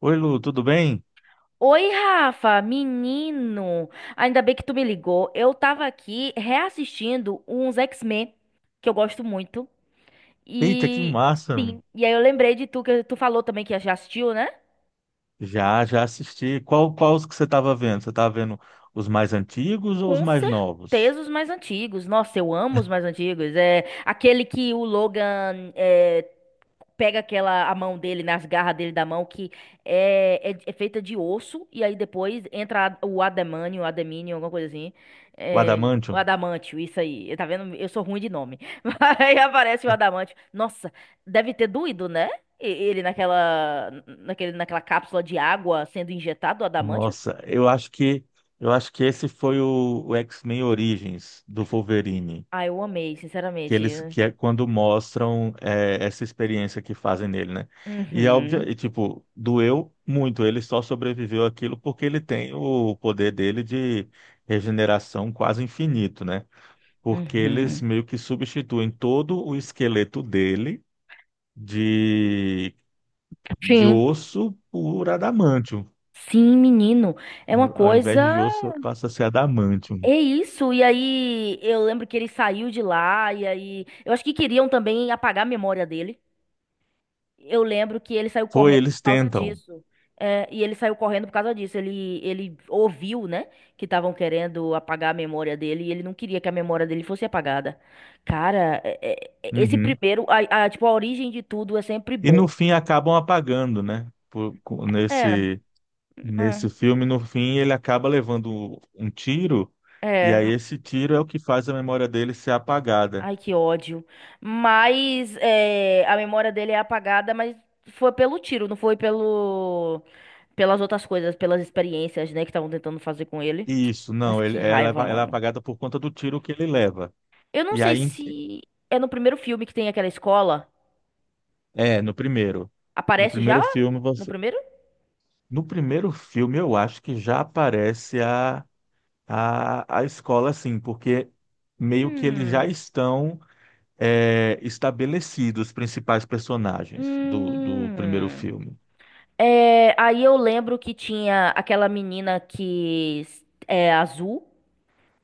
Oi, Lu, tudo bem? Oi, Rafa, menino. Ainda bem que tu me ligou. Eu tava aqui reassistindo uns X-Men que eu gosto muito. Eita, que E massa! sim, e aí eu lembrei de tu que tu falou também que já assistiu, né? Já assisti. Qual os que você estava vendo? Você estava vendo os mais antigos ou os Com mais novos? certeza os mais antigos. Nossa, eu amo os mais antigos. É aquele que o Logan é, pega aquela a mão dele nas garras dele da mão que é feita de osso e aí depois entra o adamínio, alguma coisa assim. O É, o Adamantium? adamantio, isso aí. Tá vendo? Eu sou ruim de nome. Aí aparece o adamantio. Nossa, deve ter doído, né? Ele naquela cápsula de água sendo injetado o adamantio. Nossa, eu acho que esse foi o X-Men Origins do Wolverine, Ah, eu amei, que eles sinceramente. que é quando mostram essa experiência que fazem nele, né? E é óbvio, Uhum, e, tipo, doeu muito. Ele só sobreviveu àquilo porque ele tem o poder dele de regeneração quase infinito, né? Porque eles uhum. meio que substituem todo o esqueleto dele de, de Sim, osso por adamantium. sim, menino. É uma Ao invés coisa. de osso, passa a ser adamantium. É isso. E aí, eu lembro que ele saiu de lá, e aí. Eu acho que queriam também apagar a memória dele. Eu lembro que ele saiu Foi, correndo eles por causa tentam. disso. É, e ele saiu correndo por causa disso. Ele ouviu, né, que estavam querendo apagar a memória dele, e ele não queria que a memória dele fosse apagada. Cara, esse Uhum. primeiro, tipo, a origem de tudo é sempre E bom. no fim acabam apagando, né? É, Nesse, é. nesse filme, no fim, ele acaba levando um tiro, e É, aí esse tiro é o que faz a memória dele ser apagada. Ai, que ódio. Mas é, a memória dele é apagada, mas foi pelo tiro, não foi pelo pelas outras coisas, pelas experiências, né, que estavam tentando fazer com ele. Isso, Mas não, que raiva, ela é mano. apagada por conta do tiro que ele leva. Eu não E sei aí se é no primeiro filme que tem aquela escola. é, no primeiro. No Aparece já? primeiro filme, No você. primeiro? No primeiro filme, eu acho que já aparece a escola, assim, porque meio que eles já Hum. estão estabelecidos, os principais personagens do primeiro Hum. filme. É, aí eu lembro que tinha aquela menina é azul.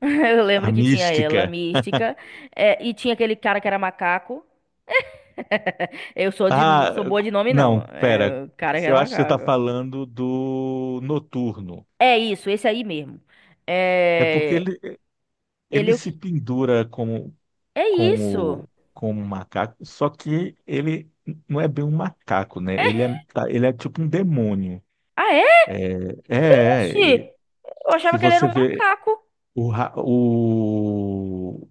Eu A lembro que tinha ela, Mística. mística, é, e tinha aquele cara que era macaco. Não Ah, sou boa de nome, não. não, pera. É, o cara que Eu era acho que você está macaco. falando do Noturno. É isso, esse aí mesmo. É porque É, ele ele é o se quê? pendura como É isso. como como um macaco, só que ele não é bem um macaco, né? Ele é, ele é tipo um demônio. Ah, é? É, é, e Oxi! Eu se achava que ele era você um vê macaco. o, ra- o,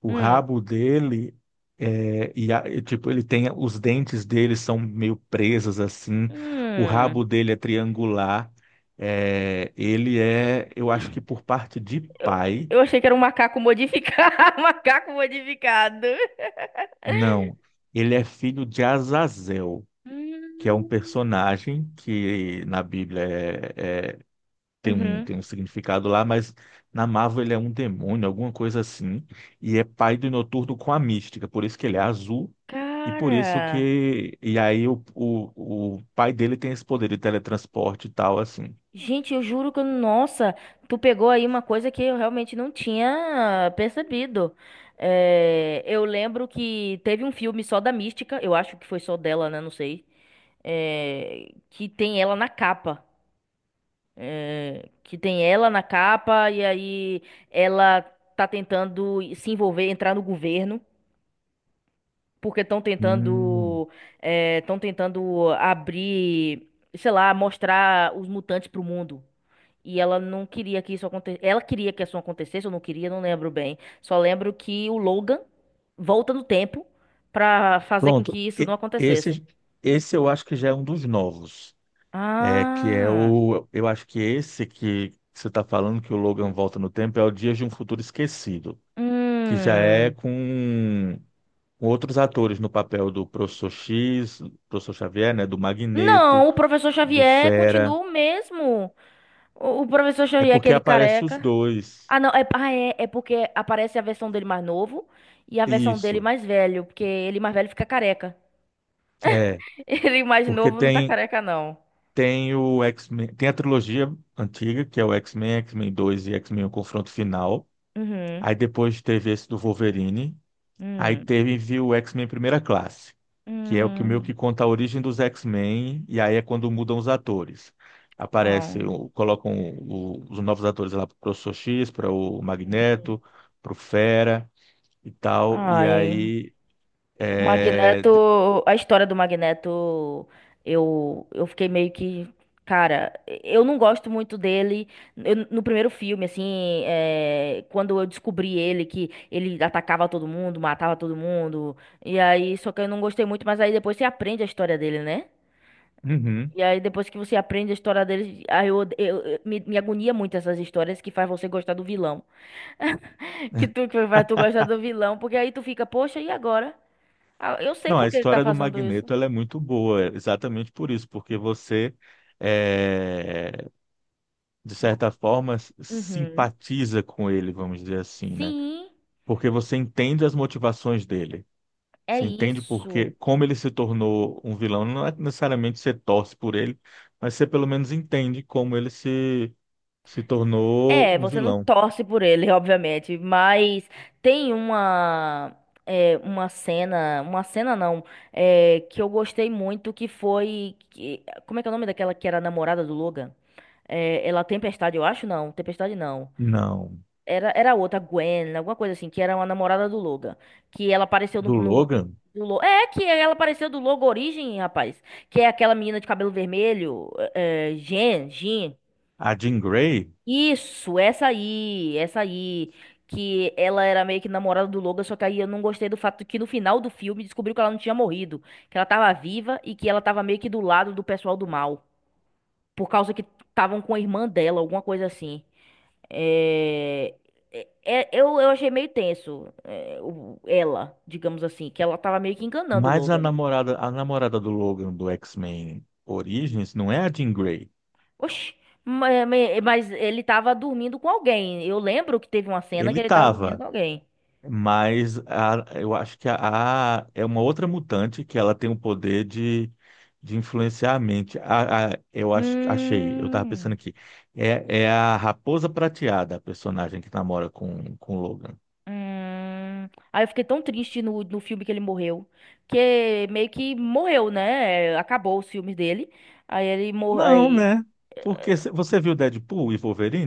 o Hum. rabo dele, é, e, tipo, ele tem os dentes dele são meio presos assim, o Hum. rabo dele é triangular, é, ele é, eu acho que por parte de Eu, pai, eu achei que era um macaco modificado. Macaco modificado. não, ele é filho de Azazel, que é um Hum. personagem que na Bíblia tem Uhum. tem um significado lá, mas na Marvel ele é um demônio, alguma coisa assim, e é pai do Noturno com a Mística, por isso que ele é azul, e por isso Cara. que. E aí o pai dele tem esse poder de teletransporte e tal, assim. Gente, eu juro que, nossa, tu pegou aí uma coisa que eu realmente não tinha percebido. É, eu lembro que teve um filme só da Mística, eu acho que foi só dela, né? Não sei. É, que tem ela na capa. É, que tem ela na capa e aí ela tá tentando se envolver, entrar no governo, porque Hum, estão tentando abrir, sei lá, mostrar os mutantes pro mundo. E ela não queria que isso acontecesse. Ela queria que isso acontecesse, eu não queria, não lembro bem. Só lembro que o Logan volta no tempo pra fazer com pronto. que isso não acontecesse. Esse, esse eu acho que já é um dos novos. É que é Ah. o. Eu acho que esse que você está falando que o Logan volta no tempo é o Dias de um Futuro Esquecido, que já é Hum. com outros atores no papel do Professor X, Professor Xavier, né, do Magneto, Não, o professor do Xavier Fera. continua o mesmo. O professor É Xavier, porque aquele aparece os careca. dois. Ah, não, porque aparece a versão dele mais novo e a versão dele Isso. mais velho, porque ele mais velho fica careca. É, Ele mais porque novo não tá tem careca, não. O X-Men, tem a trilogia antiga, que é o X-Men, X-Men 2 e X-Men O Confronto Final. Uhum. Aí depois teve esse do Wolverine. Aí Hum. teve viu, o X-Men Primeira Classe, que é o que meio que Hum. conta a origem dos X-Men, e aí é quando mudam os atores. Aparece, Ah, colocam os novos atores lá para o Professor X, para o Magneto, para o Fera e tal. E ai, aí o é... de-. Magneto, a história do Magneto, eu fiquei meio que, cara, eu não gosto muito dele. No primeiro filme, assim, é, quando eu descobri ele, que ele atacava todo mundo, matava todo mundo, e aí, só que eu não gostei muito, mas aí depois você aprende a história dele, né? Uhum. E aí, depois que você aprende a história dele, aí me agonia muito essas histórias que faz você gostar do vilão. Que tu, que faz tu gostar do vilão, porque aí tu fica, poxa, e agora? Ah, eu sei Não, a por que ele tá história do fazendo isso. Magneto ela é muito boa, é exatamente por isso, porque você é, de certa forma Uhum. simpatiza com ele, vamos dizer assim, né? Sim, Porque você entende as motivações dele. é Você entende isso. porque como ele se tornou um vilão, não é necessariamente você torce por ele, mas você pelo menos entende como ele se tornou É, um você não vilão. torce por ele, obviamente, mas tem uma é, uma cena não, é, que eu gostei muito, como é que é o nome daquela que era a namorada do Logan? É, ela Tempestade, eu acho não, Tempestade não. Não, Era outra, Gwen, alguma coisa assim, que era uma namorada do Logan. Que ela apareceu no, do no- Logan, do Lo- É, que ela apareceu do Logo Origem, rapaz. Que é aquela menina de cabelo vermelho, Jean. a Jean Grey, Isso, essa aí, essa aí. Que ela era meio que namorada do Logan, só que aí eu não gostei do fato que no final do filme descobriu que ela não tinha morrido. Que ela tava viva e que ela tava meio que do lado do pessoal do mal. Por causa que estavam com a irmã dela, alguma coisa assim. É, eu achei meio tenso, ela, digamos assim, que ela tava meio que enganando o mas Logan, né? A namorada do Logan do X-Men Origins não é a Jean Grey. Oxi, ma- ma- mas, ele tava dormindo com alguém. Eu lembro que teve uma cena Ele que ele tava dormindo com estava. alguém. Eu acho que é uma outra mutante que ela tem o poder de influenciar a mente. Eu acho, achei, eu estava pensando Hum, aqui. É, é a Raposa Prateada, a personagem que namora com o Logan. hum. Aí eu fiquei tão triste no filme que ele morreu. Que meio que morreu, né? Acabou os filmes dele. Aí ele morreu. Não, né? Porque você viu Deadpool e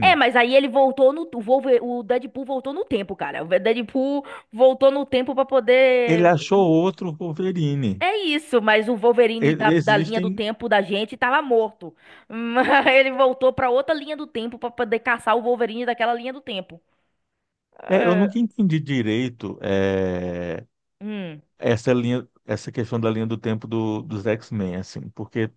É, mas aí ele voltou no. O Wolver- o Deadpool voltou no tempo, cara. O Deadpool voltou no tempo pra Ele poder. achou outro Wolverine. É isso, mas o Wolverine E- da linha do Existem. tempo da gente tava morto. Mas ele voltou pra outra linha do tempo pra poder caçar o Wolverine daquela linha do tempo. É, eu É. nunca entendi direito Hum. essa linha, essa questão da linha do tempo dos X-Men, assim, porque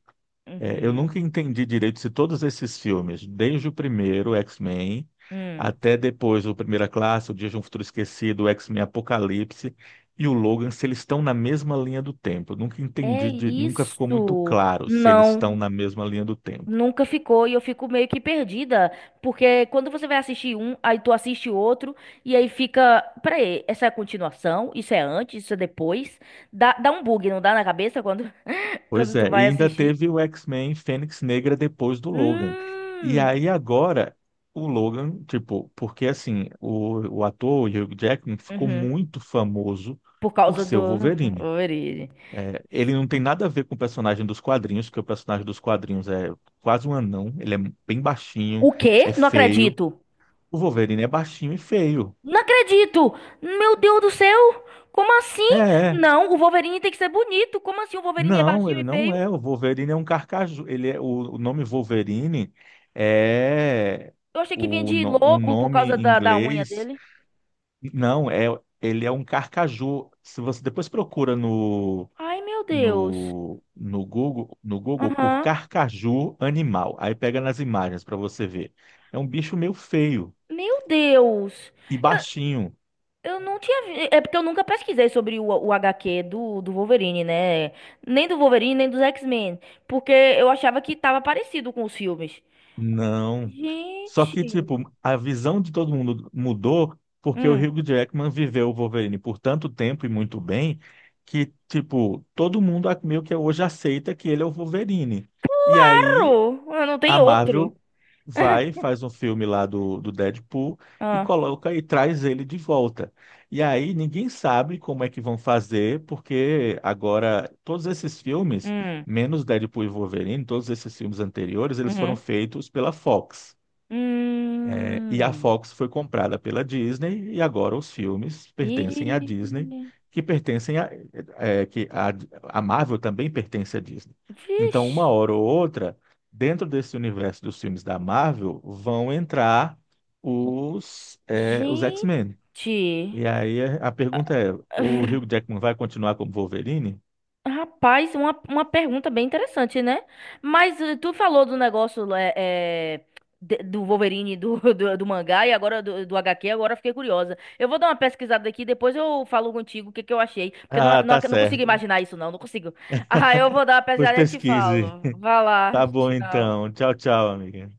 é, eu Uhum. nunca entendi direito se todos esses filmes, desde o primeiro, X-Men, Hum. até depois o Primeira Classe, o Dia de um Futuro Esquecido, o X-Men Apocalipse e o Logan, se eles estão na mesma linha do tempo. Eu nunca É entendi, de- nunca ficou muito isso. claro se eles estão Não. na mesma linha do tempo. Nunca ficou e eu fico meio que perdida, porque quando você vai assistir um, aí tu assiste outro e aí fica, peraí, essa é a continuação, isso é antes, isso é depois. Dá um bug, não dá na cabeça quando, Pois quando tu é, e vai ainda assistir? teve o X-Men Fênix Negra depois do Logan. E Hum, aí agora, o Logan, tipo, porque assim, o ator, o Hugh Jackman, ficou uhum, muito famoso por por causa ser o do Wolverine. origem. É, ele não tem nada a ver com o personagem dos quadrinhos, porque o personagem dos quadrinhos é quase um anão, ele é bem baixinho, O quê? é Não feio. acredito. O Wolverine é baixinho e feio. Não acredito! Meu Deus do céu! Como assim? É, é. Não, o Wolverine tem que ser bonito. Como assim o Wolverine é Não, baixinho ele e não feio? é. O Wolverine é um carcaju. Ele é, o nome Wolverine é Eu achei que vinha o, de no- um lobo por nome causa em da unha inglês. dele. Não, é, ele é um carcaju. Se você depois procura Ai, meu Deus. No Google, no Google por Aham. carcaju animal. Aí pega nas imagens para você ver. É um bicho meio feio Meu Deus. e Eu, baixinho. eu não tinha. Vi- É porque eu nunca pesquisei sobre o HQ do Wolverine, né? Nem do Wolverine, nem dos X-Men. Porque eu achava que tava parecido com os filmes. Não. Só que, Gente. tipo, a visão de todo mundo mudou porque o Hum. Hugh Jackman viveu o Wolverine por tanto tempo e muito bem que, tipo, todo mundo meio que hoje aceita que ele é o Wolverine. E aí Claro! Ah, não a tem outro. Marvel vai, faz um filme lá do Deadpool e Ah. coloca e traz ele de volta. E aí ninguém sabe como é que vão fazer, porque agora todos esses filmes, Hum. menos Deadpool e Wolverine, todos esses filmes anteriores, eles foram Uhum. feitos pela Fox. É, e a Hum. Fox foi comprada pela Disney e agora os filmes pertencem à Disney, E. que pertencem a, é, que a Marvel também pertence à Disney. Então, uma Vixe. hora ou outra, dentro desse universo dos filmes da Marvel, vão entrar os, é, os X-Men. Gente. E aí é, a pergunta é: o Hugh Jackman vai continuar como Wolverine? Rapaz, uma pergunta bem interessante, né? Mas tu falou do negócio do Wolverine do, do mangá e agora do HQ, agora eu fiquei curiosa. Eu vou dar uma pesquisada aqui, depois eu falo contigo o que eu achei, porque Ah, tá não consigo certo. imaginar isso, não consigo. Ah, eu vou dar uma Pois pesquisada e te pesquise. falo. Vá lá, Tá bom então. tchau. Tchau, tchau, amiga.